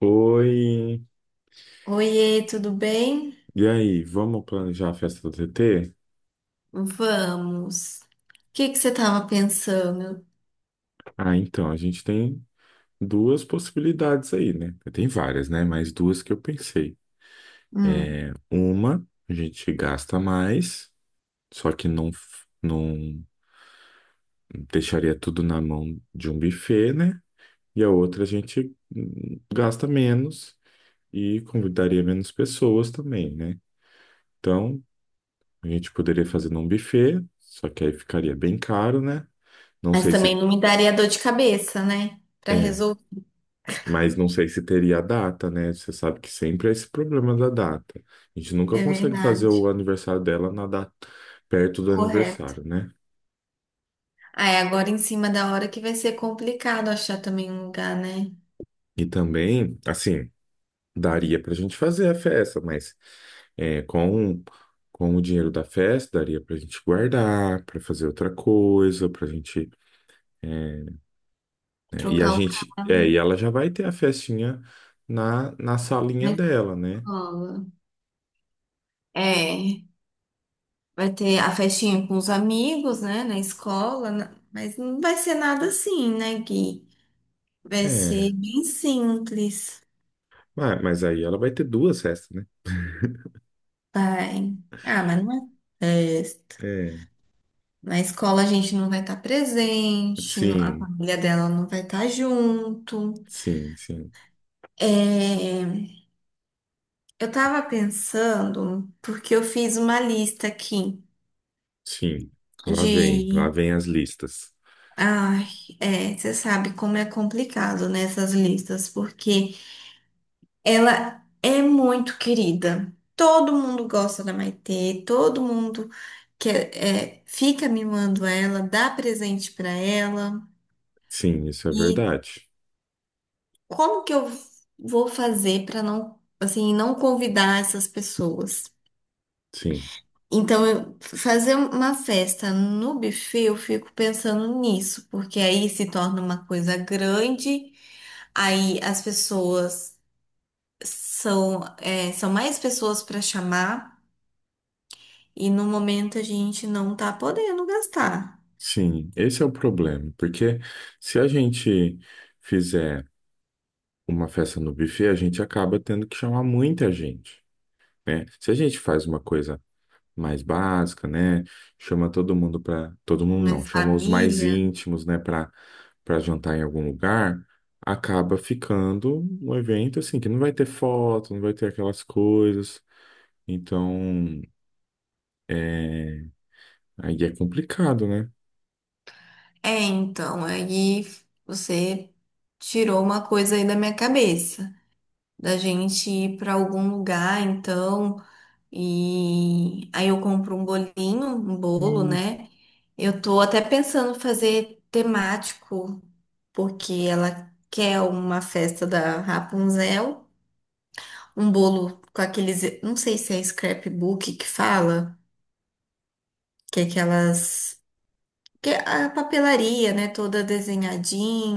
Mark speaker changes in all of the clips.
Speaker 1: Oi,
Speaker 2: Oiê, tudo bem?
Speaker 1: e aí, vamos planejar a festa do TT?
Speaker 2: Vamos. O que você estava pensando?
Speaker 1: Ah, então, a gente tem duas possibilidades aí, né? Tem várias, né? Mas duas que eu pensei.
Speaker 2: Hum,
Speaker 1: Uma, a gente gasta mais, só que não deixaria tudo na mão de um buffet, né? E a outra, a gente gasta menos e convidaria menos pessoas também, né? Então, a gente poderia fazer num buffet, só que aí ficaria bem caro, né? Não
Speaker 2: Mas
Speaker 1: sei
Speaker 2: também
Speaker 1: se.
Speaker 2: não me daria dor de cabeça, né? Para
Speaker 1: É,
Speaker 2: resolver.
Speaker 1: mas não sei se teria a data, né? Você sabe que sempre é esse problema da data. A gente nunca
Speaker 2: É
Speaker 1: consegue fazer
Speaker 2: verdade.
Speaker 1: o aniversário dela na data perto do
Speaker 2: Correto.
Speaker 1: aniversário, né?
Speaker 2: Ah, é agora em cima da hora que vai ser complicado achar também um lugar, né?
Speaker 1: E também, assim, daria pra gente fazer a festa, mas é, com o dinheiro da festa, daria pra gente guardar, pra fazer outra coisa, pra gente. É, né? E a
Speaker 2: Trocar o carro
Speaker 1: gente. É, e ela já vai ter a festinha na
Speaker 2: na
Speaker 1: salinha dela, né?
Speaker 2: escola. É, vai ter a festinha com os amigos, né? Na escola, mas não vai ser nada assim, né, Gui? Vai
Speaker 1: É.
Speaker 2: ser bem simples.
Speaker 1: Mas aí ela vai ter duas festas, né?
Speaker 2: Tem. Ah, mas não é festa.
Speaker 1: É.
Speaker 2: Na escola a gente não vai estar presente, a
Speaker 1: Sim,
Speaker 2: família dela não vai estar junto.
Speaker 1: sim, sim,
Speaker 2: É, eu tava pensando, porque eu fiz uma lista aqui
Speaker 1: sim. Lá
Speaker 2: de.
Speaker 1: vem as listas.
Speaker 2: Ai, é, você sabe como é complicado nessas listas, porque ela é muito querida. Todo mundo gosta da Maitê, todo mundo quer, é, fica mimando ela, dá presente pra ela.
Speaker 1: Sim, isso é
Speaker 2: E
Speaker 1: verdade.
Speaker 2: como que eu vou fazer para não, assim, não convidar essas pessoas?
Speaker 1: Sim,
Speaker 2: Então, fazer uma festa no buffet, eu fico pensando nisso, porque aí se torna uma coisa grande, aí as pessoas são, é, são mais pessoas para chamar, e no momento a gente não tá podendo gastar,
Speaker 1: sim. Esse é o problema, porque se a gente fizer uma festa no buffet, a gente acaba tendo que chamar muita gente, né? Se a gente faz uma coisa mais básica, né? Chama todo mundo para todo mundo
Speaker 2: né?
Speaker 1: não, chama os mais
Speaker 2: Família.
Speaker 1: íntimos, né, para jantar em algum lugar, acaba ficando um evento assim que não vai ter foto, não vai ter aquelas coisas. Então, é, aí é complicado, né?
Speaker 2: É, então, aí você tirou uma coisa aí da minha cabeça. Da gente ir para algum lugar, então, e aí eu compro um bolinho, um bolo, né? Eu tô até pensando fazer temático, porque ela quer uma festa da Rapunzel, um bolo com aqueles, não sei se é scrapbook que fala, que é aquelas que é a papelaria, né, toda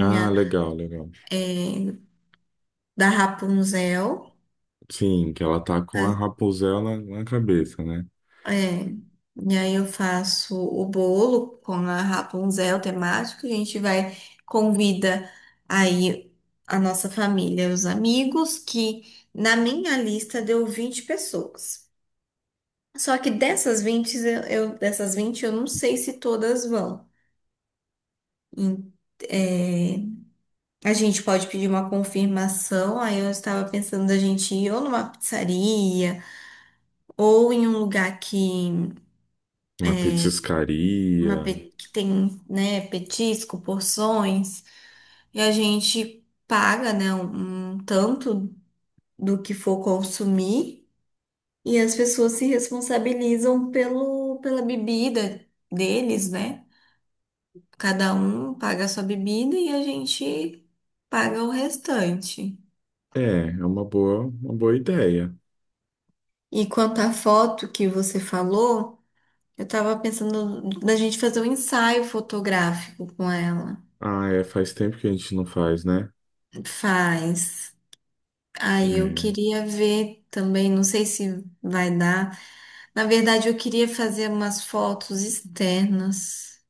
Speaker 1: Ah, legal, legal.
Speaker 2: da Rapunzel.
Speaker 1: Sim, que ela tá com a Rapunzel na cabeça, né?
Speaker 2: É, e aí eu faço o bolo com a Rapunzel temática, a gente vai, convida aí a nossa família, os amigos, que na minha lista deu 20 pessoas. Só que dessas 20 eu não sei se todas vão. Em- é, a gente pode pedir uma confirmação, aí eu estava pensando da gente ir ou numa pizzaria, ou em um lugar que
Speaker 1: Uma petiscaria.
Speaker 2: que tem, né, petisco, porções, e a gente paga, né, um tanto do que for consumir, e as pessoas se responsabilizam pelo, pela bebida deles, né? Cada um paga a sua bebida e a gente paga o restante.
Speaker 1: É, é uma boa ideia.
Speaker 2: E quanto à foto que você falou, eu tava pensando da gente fazer um ensaio fotográfico com ela.
Speaker 1: Ah, é, faz tempo que a gente não faz, né?
Speaker 2: Faz. Aí eu
Speaker 1: É,
Speaker 2: queria ver também, não sei se vai dar. Na verdade, eu queria fazer umas fotos externas.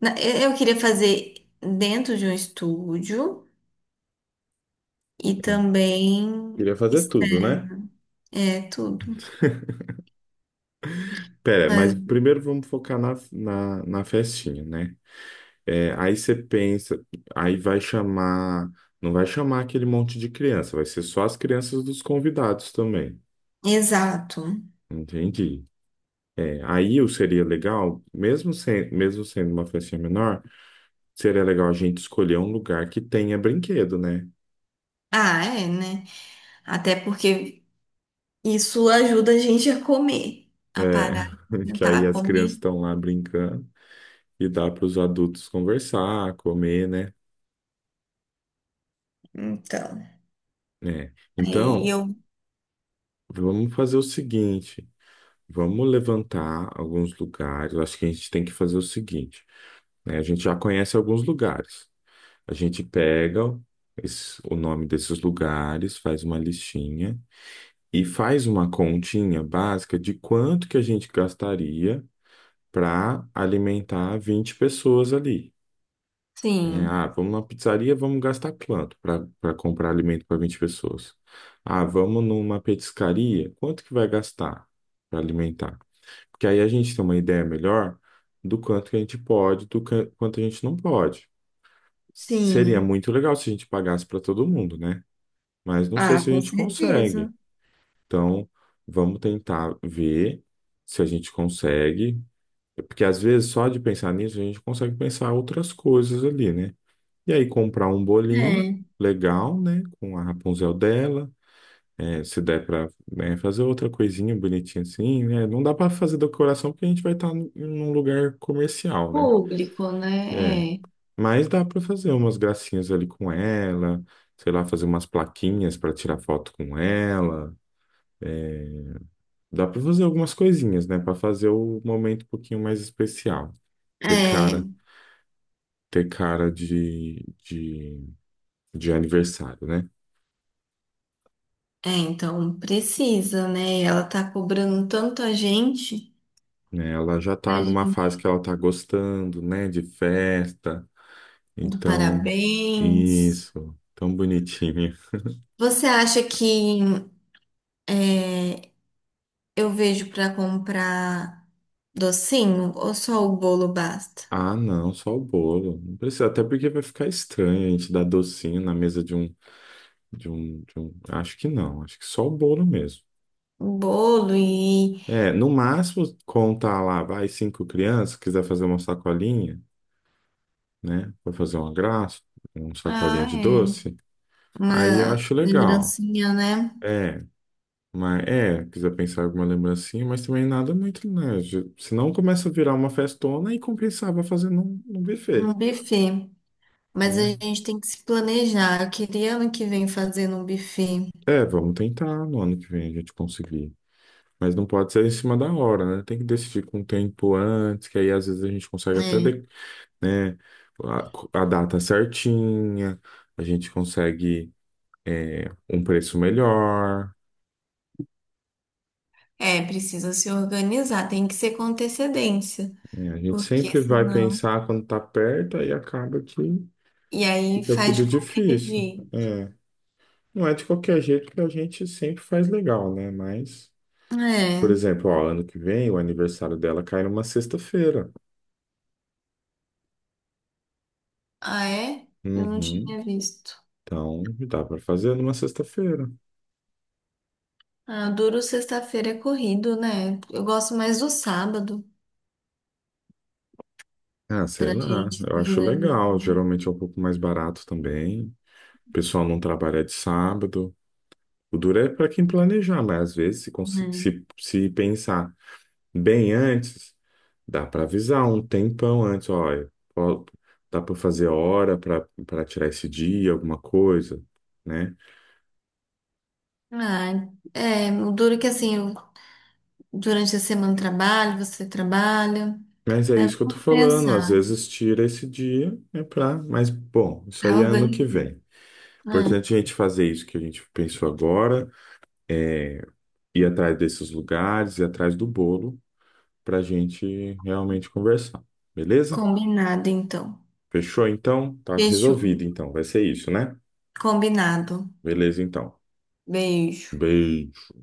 Speaker 2: Eu queria fazer dentro de um estúdio e também
Speaker 1: queria fazer tudo,
Speaker 2: externo.
Speaker 1: né?
Speaker 2: É tudo.
Speaker 1: Pera, mas
Speaker 2: Mas-
Speaker 1: primeiro vamos focar na festinha, né? É, aí você pensa, aí vai chamar, não vai chamar aquele monte de criança, vai ser só as crianças dos convidados também.
Speaker 2: exato.
Speaker 1: Entendi. É, aí o seria legal, mesmo sem, mesmo sendo uma festinha menor, seria legal a gente escolher um lugar que tenha brinquedo, né?
Speaker 2: Ah, é, né? Até porque isso ajuda a gente a comer, a
Speaker 1: É,
Speaker 2: parar, a
Speaker 1: que aí
Speaker 2: tentar
Speaker 1: as crianças
Speaker 2: comer.
Speaker 1: estão lá brincando e dá para os adultos conversar, comer, né?
Speaker 2: Então,
Speaker 1: É.
Speaker 2: aí
Speaker 1: Então,
Speaker 2: eu.
Speaker 1: vamos fazer o seguinte, vamos levantar alguns lugares. Eu acho que a gente tem que fazer o seguinte, né? A gente já conhece alguns lugares. A gente pega o nome desses lugares, faz uma listinha e faz uma continha básica de quanto que a gente gastaria para alimentar 20 pessoas ali. Né?
Speaker 2: Sim,
Speaker 1: Ah, vamos na pizzaria, vamos gastar quanto para comprar alimento para 20 pessoas? Ah, vamos numa petiscaria, quanto que vai gastar para alimentar? Porque aí a gente tem uma ideia melhor do quanto que a gente pode, quanto a gente não pode. Seria
Speaker 2: sim.
Speaker 1: muito legal se a gente pagasse para todo mundo, né? Mas não sei
Speaker 2: Ah,
Speaker 1: se a
Speaker 2: com
Speaker 1: gente
Speaker 2: certeza.
Speaker 1: consegue. Então, vamos tentar ver se a gente consegue. Porque às vezes, só de pensar nisso, a gente consegue pensar outras coisas ali, né? E aí, comprar um bolinho
Speaker 2: É.
Speaker 1: legal, né? Com a Rapunzel dela é, se der pra, né, fazer outra coisinha bonitinha assim, né? Não dá pra fazer decoração porque a gente vai estar num lugar comercial, né?
Speaker 2: Público,
Speaker 1: É,
Speaker 2: né? É.
Speaker 1: mas dá pra fazer umas gracinhas ali com ela, sei lá, fazer umas plaquinhas pra tirar foto com ela. Dá pra fazer algumas coisinhas, né, pra fazer o momento um pouquinho mais especial. Ter
Speaker 2: É,
Speaker 1: cara, ter cara de aniversário, né?
Speaker 2: então precisa, né? Ela tá cobrando tanto
Speaker 1: Né, ela já
Speaker 2: a
Speaker 1: tá numa fase
Speaker 2: gente
Speaker 1: que ela tá gostando, né, de festa.
Speaker 2: do
Speaker 1: Então,
Speaker 2: parabéns.
Speaker 1: isso. Tão bonitinho.
Speaker 2: Você acha que é, eu vejo para comprar docinho ou só o bolo basta?
Speaker 1: Ah, não, só o bolo. Não precisa, até porque vai ficar estranho a gente dar docinho na mesa de um. Acho que não, acho que só o bolo mesmo.
Speaker 2: O bolo e
Speaker 1: É, no máximo, contar lá, vai cinco crianças, quiser fazer uma sacolinha, né? Pra fazer uma graça, uma sacolinha
Speaker 2: ah,
Speaker 1: de
Speaker 2: é,
Speaker 1: doce. Aí eu
Speaker 2: uma
Speaker 1: acho legal.
Speaker 2: lembrancinha, né?
Speaker 1: É, mas é, quiser pensar em alguma lembrancinha, mas também nada muito, né? Senão começa a virar uma festona e compensava fazer num buffet,
Speaker 2: Um buffet. Mas a
Speaker 1: né?
Speaker 2: gente tem que se planejar. Eu queria ano que vem fazer um buffet.
Speaker 1: É, vamos tentar no ano que vem a gente conseguir. Mas não pode ser em cima da hora, né? Tem que decidir com o tempo antes, que aí às vezes a gente consegue até
Speaker 2: É.
Speaker 1: de- a, a data certinha, a gente consegue é, um preço melhor,
Speaker 2: É, precisa se organizar, tem que ser com antecedência,
Speaker 1: né? A gente
Speaker 2: porque
Speaker 1: sempre vai
Speaker 2: senão.
Speaker 1: pensar quando tá perto, aí acaba que
Speaker 2: E aí
Speaker 1: fica
Speaker 2: faz
Speaker 1: tudo
Speaker 2: de qualquer
Speaker 1: difícil.
Speaker 2: jeito.
Speaker 1: É, não é de qualquer jeito que a gente sempre faz legal, né? Mas, por
Speaker 2: É.
Speaker 1: exemplo, ó, ano que vem o aniversário dela cai numa sexta-feira.
Speaker 2: Ah, é? Eu não
Speaker 1: Uhum.
Speaker 2: tinha visto.
Speaker 1: Então, dá para fazer numa sexta-feira.
Speaker 2: Ah, duro sexta-feira é corrido, né? Eu gosto mais do sábado
Speaker 1: Ah, sei
Speaker 2: pra
Speaker 1: lá.
Speaker 2: gente
Speaker 1: Eu
Speaker 2: se
Speaker 1: acho
Speaker 2: organizar.
Speaker 1: legal. Geralmente é um pouco mais barato também. O pessoal não trabalha de sábado. O duro é para quem planejar, mas às vezes, se, consi-
Speaker 2: Né?
Speaker 1: se pensar bem antes, dá para avisar um tempão antes, olha, ó, dá para fazer hora para tirar esse dia, alguma coisa, né?
Speaker 2: Ah, é, o duro que assim, durante a semana eu trabalho, você trabalha,
Speaker 1: Mas é
Speaker 2: né?
Speaker 1: isso que eu tô
Speaker 2: Vamos
Speaker 1: falando, às
Speaker 2: pensar.
Speaker 1: vezes tira esse dia, é pra, mas bom, isso aí
Speaker 2: Tá
Speaker 1: é ano que
Speaker 2: organizado.
Speaker 1: vem. Importante a gente fazer isso que a gente pensou agora, é ir atrás desses lugares, ir atrás do bolo, para a gente realmente conversar, beleza?
Speaker 2: Combinado, então.
Speaker 1: Fechou então? Tá
Speaker 2: Fechou.
Speaker 1: resolvido então, vai ser isso, né?
Speaker 2: Combinado.
Speaker 1: Beleza então.
Speaker 2: Beijo.
Speaker 1: Beijo.